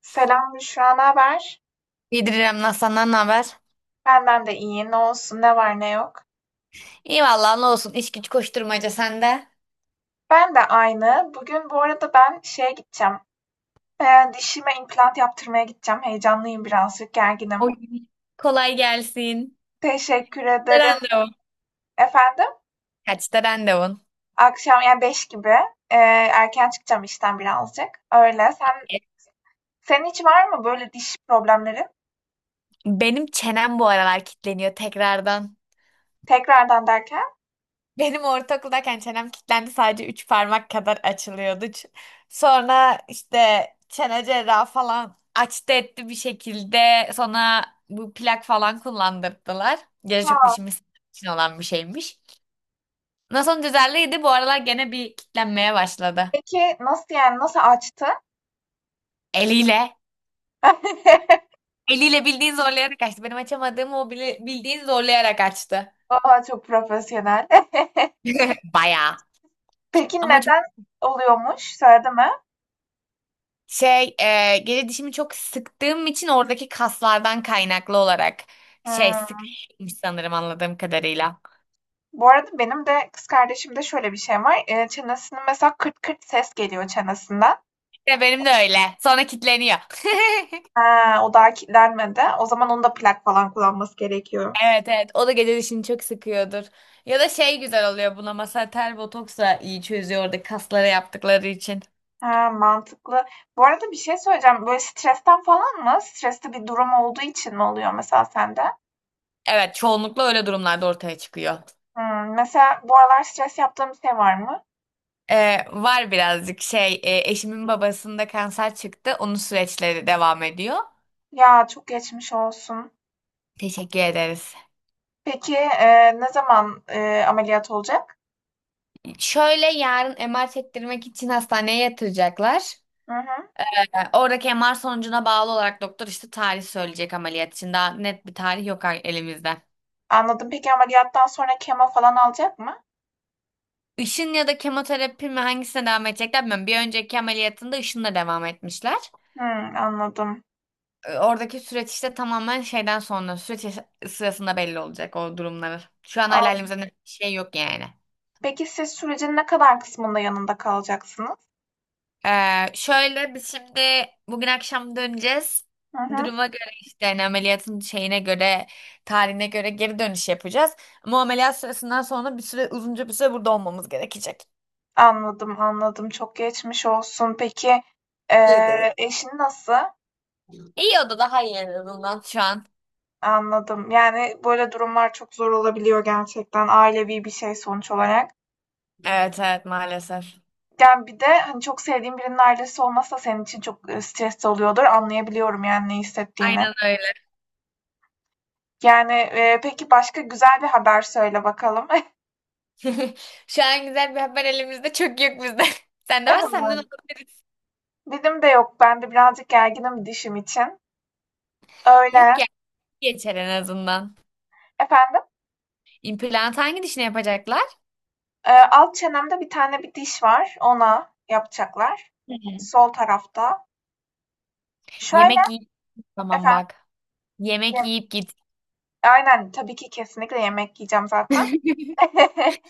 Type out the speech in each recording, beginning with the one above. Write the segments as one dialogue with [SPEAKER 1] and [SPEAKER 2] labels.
[SPEAKER 1] Selam Büşra, ne haber?
[SPEAKER 2] İyidir İrem Naz, senden ne haber?
[SPEAKER 1] Benden de iyi, ne olsun, ne var ne yok.
[SPEAKER 2] İyi vallahi ne olsun, iş güç koşturmaca sende.
[SPEAKER 1] Ben de aynı. Bugün bu arada ben şeye gideceğim. Dişime implant yaptırmaya gideceğim. Heyecanlıyım birazcık,
[SPEAKER 2] O
[SPEAKER 1] gerginim.
[SPEAKER 2] kolay gelsin.
[SPEAKER 1] Teşekkür ederim.
[SPEAKER 2] Randevu.
[SPEAKER 1] Efendim,
[SPEAKER 2] Kaçta randevun?
[SPEAKER 1] akşam yani 5 gibi ee, erken çıkacağım işten birazcık. Öyle. Sen
[SPEAKER 2] E,
[SPEAKER 1] senin hiç var mı böyle diş problemleri?
[SPEAKER 2] Benim çenem bu aralar kilitleniyor tekrardan.
[SPEAKER 1] Tekrardan derken?
[SPEAKER 2] Benim ortaokuldayken çenem kilitlendi, sadece 3 parmak kadar açılıyordu. Sonra işte çene cerrahı falan açtı etti bir şekilde. Sonra bu plak falan kullandırdılar. Gece
[SPEAKER 1] Ha,
[SPEAKER 2] çok dişimiz için olan bir şeymiş. Nasıl sonra bu aralar gene bir kilitlenmeye başladı.
[SPEAKER 1] peki nasıl yani nasıl açtı?
[SPEAKER 2] Eliyle. Eliyle bildiğin zorlayarak açtı. Benim açamadığım, o bildiğin zorlayarak açtı.
[SPEAKER 1] Aa, çok profesyonel.
[SPEAKER 2] Bayağı.
[SPEAKER 1] Peki
[SPEAKER 2] Ama çok
[SPEAKER 1] neden oluyormuş? Söyledi mi?
[SPEAKER 2] geri dişimi çok sıktığım için oradaki kaslardan kaynaklı olarak şey
[SPEAKER 1] Hımm.
[SPEAKER 2] sıkmış sanırım, anladığım kadarıyla.
[SPEAKER 1] Bu arada benim de kız kardeşimde şöyle bir şey var. Çenesinin mesela kırt kırt ses geliyor çenesinden.
[SPEAKER 2] İşte benim de öyle. Sonra kitleniyor.
[SPEAKER 1] He, o daha kilitlenmedi. O zaman onun da plak falan kullanması gerekiyor.
[SPEAKER 2] Evet, o da gece dişini çok sıkıyordur. Ya da şey güzel oluyor buna. Mesela tel botoks iyi çözüyor, orada kaslara yaptıkları için.
[SPEAKER 1] He, mantıklı. Bu arada bir şey söyleyeceğim. Böyle stresten falan mı? Stresli bir durum olduğu için mi oluyor mesela sende?
[SPEAKER 2] Evet, çoğunlukla öyle durumlarda ortaya çıkıyor.
[SPEAKER 1] Hımm. Mesela bu aralar stres yaptığım bir şey var mı?
[SPEAKER 2] Var birazcık, eşimin babasında kanser çıktı. Onun süreçleri devam ediyor.
[SPEAKER 1] Ya, çok geçmiş olsun.
[SPEAKER 2] Teşekkür ederiz.
[SPEAKER 1] Peki, ne zaman, ameliyat olacak?
[SPEAKER 2] Şöyle, yarın MR çektirmek için hastaneye yatıracaklar.
[SPEAKER 1] Hı hı.
[SPEAKER 2] Oradaki MR sonucuna bağlı olarak doktor işte tarih söyleyecek ameliyat için. Daha net bir tarih yok elimizde.
[SPEAKER 1] Anladım. Peki ameliyattan sonra kemo falan alacak mı?
[SPEAKER 2] Işın ya da kemoterapi mi, hangisine devam edecekler bilmiyorum. Bir önceki ameliyatında ışınla devam etmişler.
[SPEAKER 1] Anladım.
[SPEAKER 2] Oradaki süreç işte tamamen şeyden sonra, süreç sırasında belli olacak o durumları. Şu an hala
[SPEAKER 1] An
[SPEAKER 2] elimizde net bir şey yok yani.
[SPEAKER 1] Peki siz sürecin ne kadar kısmında yanında kalacaksınız?
[SPEAKER 2] Şöyle, biz şimdi bugün akşam döneceğiz.
[SPEAKER 1] Hı hı.
[SPEAKER 2] Duruma göre işte, yani ameliyatın şeyine göre, tarihine göre geri dönüş yapacağız. Ama ameliyat sırasından sonra bir süre, uzunca bir süre burada olmamız gerekecek.
[SPEAKER 1] Anladım, anladım. Çok geçmiş olsun. Peki,
[SPEAKER 2] Teşekkür ederim.
[SPEAKER 1] eşin nasıl?
[SPEAKER 2] İyi oldu, daha iyi en azından şu an.
[SPEAKER 1] Anladım. Yani, böyle durumlar çok zor olabiliyor gerçekten. Ailevi bir şey sonuç olarak.
[SPEAKER 2] Evet, maalesef.
[SPEAKER 1] Yani, bir de, hani, çok sevdiğin birinin ailesi olması da senin için çok, stresli oluyordur. Anlayabiliyorum, yani, ne hissettiğini.
[SPEAKER 2] Aynen öyle.
[SPEAKER 1] Yani, peki başka güzel bir haber söyle bakalım.
[SPEAKER 2] Şu an güzel bir haber elimizde çok yok bizde. Sende varsa senden alabiliriz.
[SPEAKER 1] Dilim de yok. Ben de birazcık gerginim dişim için.
[SPEAKER 2] Yok
[SPEAKER 1] Öyle.
[SPEAKER 2] ya, geçer en azından.
[SPEAKER 1] Efendim?
[SPEAKER 2] İmplant hangi dişine yapacaklar?
[SPEAKER 1] Alt çenemde bir tane bir diş var. Ona yapacaklar.
[SPEAKER 2] Hı.
[SPEAKER 1] Sol tarafta.
[SPEAKER 2] Yemek
[SPEAKER 1] Şöyle
[SPEAKER 2] yiyip tamam
[SPEAKER 1] efendim.
[SPEAKER 2] bak. Yemek yiyip git.
[SPEAKER 1] Aynen tabii ki kesinlikle yemek yiyeceğim zaten.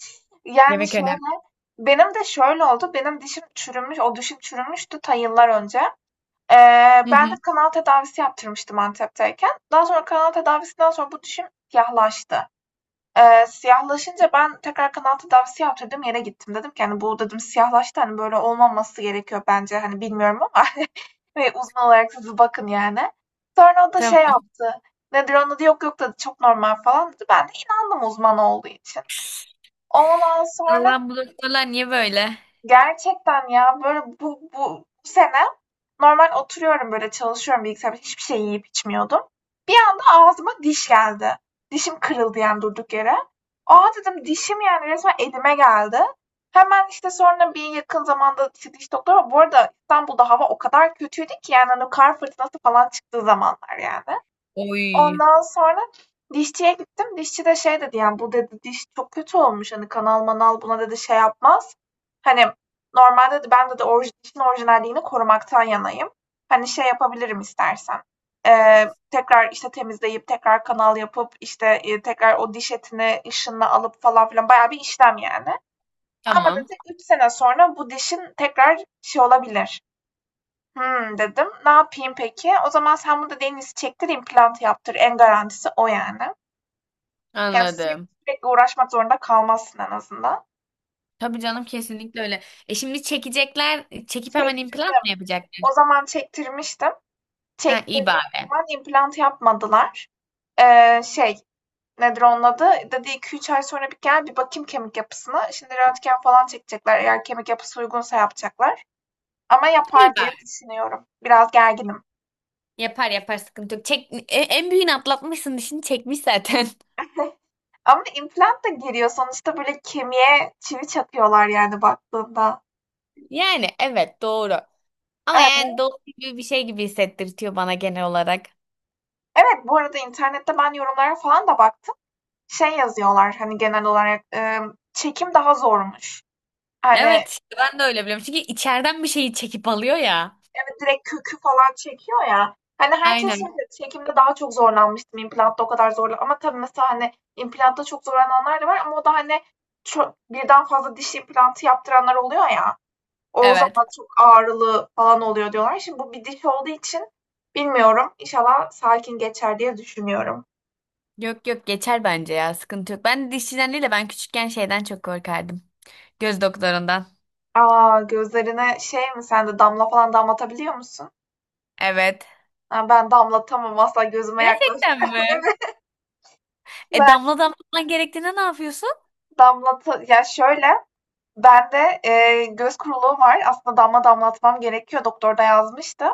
[SPEAKER 1] Yani
[SPEAKER 2] Yemek önemli.
[SPEAKER 1] şöyle. Benim de şöyle oldu. Benim dişim çürümüş. O dişim çürümüştü ta yıllar önce. Ee,
[SPEAKER 2] Hı
[SPEAKER 1] Ben de
[SPEAKER 2] hı.
[SPEAKER 1] kanal tedavisi yaptırmıştım Antep'teyken. Daha sonra kanal tedavisinden sonra bu dişim siyahlaştı. Siyahlaşınca ben tekrar kanal tedavisi yaptırdım, yere gittim. Dedim ki, hani, "Bu" dedim, "Siyahlaştı, hani, böyle olmaması gerekiyor bence, hani, bilmiyorum ama hani, uzman olarak siz bakın, yani." Sonra o da şey
[SPEAKER 2] Tamam.
[SPEAKER 1] yaptı, nedir onun adı, "Yok, yok," dedi, "Çok normal," falan dedi. Ben de inandım uzman olduğu için. Ondan sonra,
[SPEAKER 2] Allah, bu doktorlar niye böyle?
[SPEAKER 1] gerçekten ya böyle bu sene normal oturuyorum böyle çalışıyorum bilgisayarda hiçbir şey yiyip içmiyordum. Bir anda ağzıma diş geldi. Dişim kırıldı yani durduk yere. Aa dedim dişim yani resmen elime geldi. Hemen işte sonra bir yakın zamanda işte diş doktoru bu arada İstanbul'da hava o kadar kötüydü ki yani hani kar fırtınası falan çıktığı zamanlar yani.
[SPEAKER 2] Oy.
[SPEAKER 1] Ondan sonra dişçiye gittim. Dişçi de şey dedi yani bu dedi diş çok kötü olmuş. Hani kanal manal buna dedi şey yapmaz. Hani normalde dedi ben dedi dişin orijinalliğini korumaktan yanayım. Hani şey yapabilirim istersen. Tekrar işte temizleyip tekrar kanal yapıp işte tekrar o diş etini ışınla alıp falan filan bayağı bir işlem yani. Ama
[SPEAKER 2] Tamam.
[SPEAKER 1] dedi 3 sene sonra bu dişin tekrar şey olabilir. Hımm, dedim. Ne yapayım peki? O zaman sen bunu da deniz çektir, implant yaptır. En garantisi o yani. Yani sürekli
[SPEAKER 2] Anladım.
[SPEAKER 1] sürekli uğraşmak zorunda kalmazsın en azından.
[SPEAKER 2] Tabii canım, kesinlikle öyle. E şimdi çekecekler. Çekip hemen implant
[SPEAKER 1] Çektirdim.
[SPEAKER 2] mı yapacaklar?
[SPEAKER 1] O zaman çektirmiştim.
[SPEAKER 2] Ha, iyi
[SPEAKER 1] Çektirdiğim
[SPEAKER 2] bari.
[SPEAKER 1] zaman implant yapmadılar. Şey, nedir onun adı? Dedi 2-3 ay sonra bir gel bir bakayım kemik yapısına. Şimdi röntgen falan çekecekler. Eğer kemik yapısı uygunsa yapacaklar. Ama
[SPEAKER 2] İyi
[SPEAKER 1] yapar
[SPEAKER 2] bari.
[SPEAKER 1] diye düşünüyorum. Biraz gerginim.
[SPEAKER 2] Yapar yapar, sıkıntı yok. Çek, en büyüğünü atlatmışsın, dişini çekmiş zaten.
[SPEAKER 1] Ama implant da giriyor. Sonuçta böyle kemiğe çivi çakıyorlar yani baktığında.
[SPEAKER 2] Yani evet, doğru. Ama
[SPEAKER 1] Evet,
[SPEAKER 2] yani doğru gibi bir şey gibi hissettirtiyor bana genel olarak.
[SPEAKER 1] evet, bu arada internette ben yorumlara falan da baktım. Şey yazıyorlar hani genel olarak çekim daha zormuş. Hani,
[SPEAKER 2] Evet işte, ben de öyle biliyorum. Çünkü içeriden bir şeyi çekip alıyor ya.
[SPEAKER 1] evet, direkt kökü falan çekiyor ya. Hani herkes
[SPEAKER 2] Aynen.
[SPEAKER 1] şey "Çekimde daha çok zorlanmıştım, implantta o kadar zorla" ama tabii mesela, hani, implantta çok zorlananlar da var ama o da, hani, birden fazla diş implantı yaptıranlar oluyor ya. O
[SPEAKER 2] Evet.
[SPEAKER 1] zaman çok ağrılı falan oluyor diyorlar. Şimdi bu bir diş olduğu için bilmiyorum. İnşallah sakin geçer diye düşünüyorum.
[SPEAKER 2] Yok yok, geçer bence ya, sıkıntı yok. Ben dişçiden değil de, ben küçükken şeyden çok korkardım. Göz doktorundan.
[SPEAKER 1] Aa gözlerine şey mi sen de damla falan damlatabiliyor musun?
[SPEAKER 2] Evet.
[SPEAKER 1] Ha, ben damlatamam asla gözüme yaklaştı.
[SPEAKER 2] Gerçekten mi? E
[SPEAKER 1] Ben
[SPEAKER 2] damla damlatman gerektiğinde ne yapıyorsun?
[SPEAKER 1] ya şöyle bende göz kuruluğu var. Aslında damla damlatmam gerekiyor. Doktor da yazmıştı.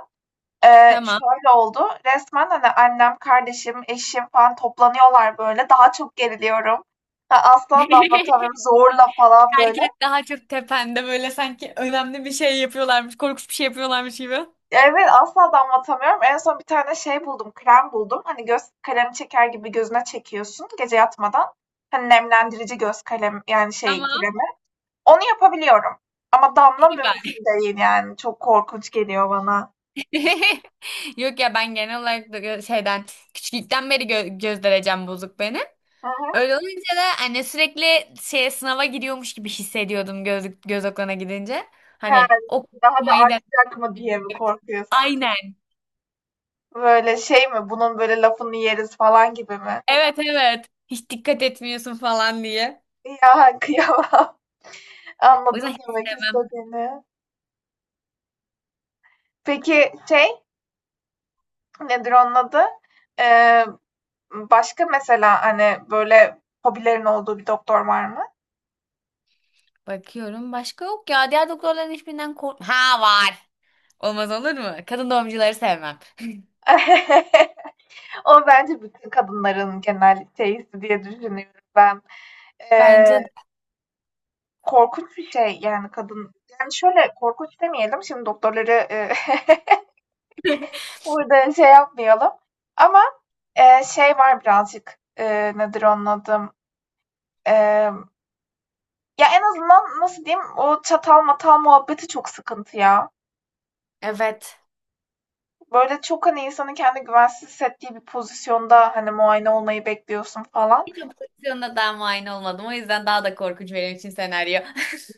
[SPEAKER 2] Tamam.
[SPEAKER 1] Şöyle oldu, resmen, hani, annem, kardeşim, eşim falan toplanıyorlar böyle. Daha çok geriliyorum. Ha, asla damlatamıyorum zorla falan böyle.
[SPEAKER 2] Herkes daha çok tepende böyle, sanki önemli bir şey yapıyorlarmış, korkunç bir şey yapıyorlarmış gibi.
[SPEAKER 1] Evet, asla damlatamıyorum. En son bir tane şey buldum, krem buldum. Hani, göz kalemi çeker gibi gözüne çekiyorsun gece yatmadan. Hani, nemlendirici göz kalem yani şey
[SPEAKER 2] Tamam,
[SPEAKER 1] kremi. Onu yapabiliyorum ama damla
[SPEAKER 2] iyi
[SPEAKER 1] mümkün
[SPEAKER 2] bari.
[SPEAKER 1] değil yani. Çok korkunç geliyor bana.
[SPEAKER 2] Yok ya, ben genel olarak da şeyden, küçüklükten beri göz derecem bozuk benim.
[SPEAKER 1] Hı hı.
[SPEAKER 2] Öyle olunca da anne sürekli şeye, sınava gidiyormuş gibi hissediyordum göz, göz okuluna gidince.
[SPEAKER 1] He,
[SPEAKER 2] Hani ok
[SPEAKER 1] daha da
[SPEAKER 2] Okumayı da
[SPEAKER 1] artacak mı diye mi korkuyorsun?
[SPEAKER 2] aynen.
[SPEAKER 1] Böyle şey mi? Bunun böyle lafını yeriz falan gibi mi?
[SPEAKER 2] Evet. hiç dikkat etmiyorsun falan diye.
[SPEAKER 1] Ya kıyamam.
[SPEAKER 2] O yüzden
[SPEAKER 1] Anladım
[SPEAKER 2] hiç
[SPEAKER 1] demek
[SPEAKER 2] sevmem.
[SPEAKER 1] istediğini. Peki şey nedir onun adı? Ee, Başka mesela hani böyle hobilerin olduğu bir doktor var mı?
[SPEAKER 2] Bakıyorum başka yok ya. Diğer doktorların hiçbirinden kork... Ha var. Olmaz olur mu? Kadın doğumcuları sevmem.
[SPEAKER 1] O bence bütün kadınların genel şeysi diye düşünüyorum ben. Ee,
[SPEAKER 2] Bence de.
[SPEAKER 1] Korkunç bir şey yani kadın. Yani şöyle korkunç demeyelim. Şimdi doktorları burada şey yapmayalım. Ama, şey var birazcık, nedir onun adı? Emm, ya, en azından nasıl diyeyim, o çatal matal muhabbeti çok sıkıntı ya.
[SPEAKER 2] Evet.
[SPEAKER 1] Böyle çok, hani, insanın kendi güvensiz hissettiği bir pozisyonda, hani, muayene olmayı bekliyorsun falan.
[SPEAKER 2] Hiç o pozisyonda daha muayene olmadım. O yüzden daha da korkunç benim için senaryo.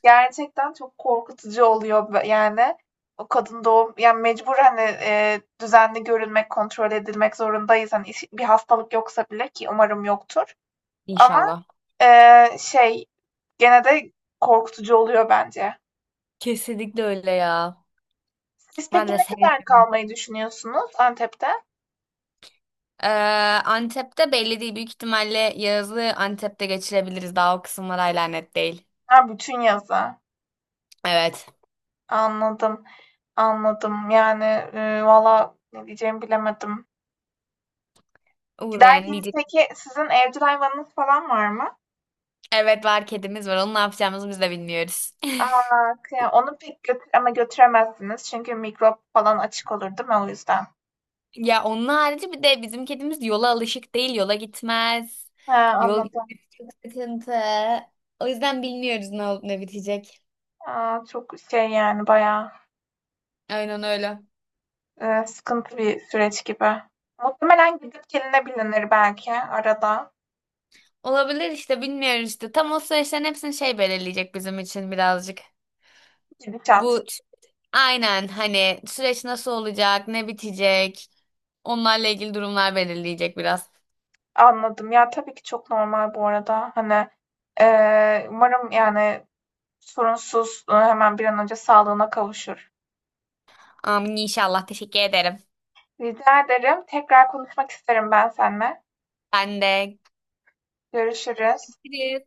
[SPEAKER 1] Gerçekten çok korkutucu oluyor yani. O kadın doğum yani mecbur, hani, düzenli görülmek, kontrol edilmek zorundayız. Hani, iş bir hastalık yoksa bile ki umarım yoktur ama,
[SPEAKER 2] İnşallah.
[SPEAKER 1] şey gene de korkutucu oluyor bence.
[SPEAKER 2] Kesinlikle öyle ya.
[SPEAKER 1] Siz
[SPEAKER 2] Ben
[SPEAKER 1] peki
[SPEAKER 2] de
[SPEAKER 1] ne kadar
[SPEAKER 2] sevmiyorum.
[SPEAKER 1] kalmayı düşünüyorsunuz Antep'te?
[SPEAKER 2] Ee, Antep'te belli değil. Büyük ihtimalle yazı Antep'te geçirebiliriz. Daha o kısımlar hala net değil.
[SPEAKER 1] Ha, bütün yazı.
[SPEAKER 2] Evet.
[SPEAKER 1] Anladım. Anladım. Yani valla ne diyeceğimi bilemedim.
[SPEAKER 2] Uğrayan
[SPEAKER 1] Giderken
[SPEAKER 2] diyecek.
[SPEAKER 1] peki sizin evcil hayvanınız falan var mı?
[SPEAKER 2] Evet var, kedimiz var. Onu ne yapacağımızı biz de bilmiyoruz.
[SPEAKER 1] Aa, onu pek götür ama götüremezsiniz çünkü mikrop falan açık olur değil mi o yüzden?
[SPEAKER 2] Ya onun harici bir de bizim kedimiz yola alışık değil. Yola gitmez.
[SPEAKER 1] Ha,
[SPEAKER 2] Yol
[SPEAKER 1] anladım.
[SPEAKER 2] gitmesi çok sıkıntı. O yüzden bilmiyoruz ne olup ne bitecek.
[SPEAKER 1] Aa, çok şey yani bayağı
[SPEAKER 2] Aynen öyle.
[SPEAKER 1] sıkıntı bir süreç gibi. Muhtemelen gidip gelinebilinir belki arada.
[SPEAKER 2] Olabilir işte, bilmiyoruz işte. Tam o süreçlerin hepsini şey belirleyecek bizim için birazcık.
[SPEAKER 1] Gidişat.
[SPEAKER 2] Bu aynen, hani süreç nasıl olacak, ne bitecek, onlarla ilgili durumlar belirleyecek biraz.
[SPEAKER 1] Anladım. Ya, tabii ki çok normal bu arada. Hani, umarım, yani, sorunsuz, hemen bir an önce sağlığına kavuşur.
[SPEAKER 2] Amin inşallah. Teşekkür ederim.
[SPEAKER 1] Rica ederim. Tekrar konuşmak isterim ben seninle.
[SPEAKER 2] Ben de.
[SPEAKER 1] Görüşürüz.
[SPEAKER 2] Görüşürüz.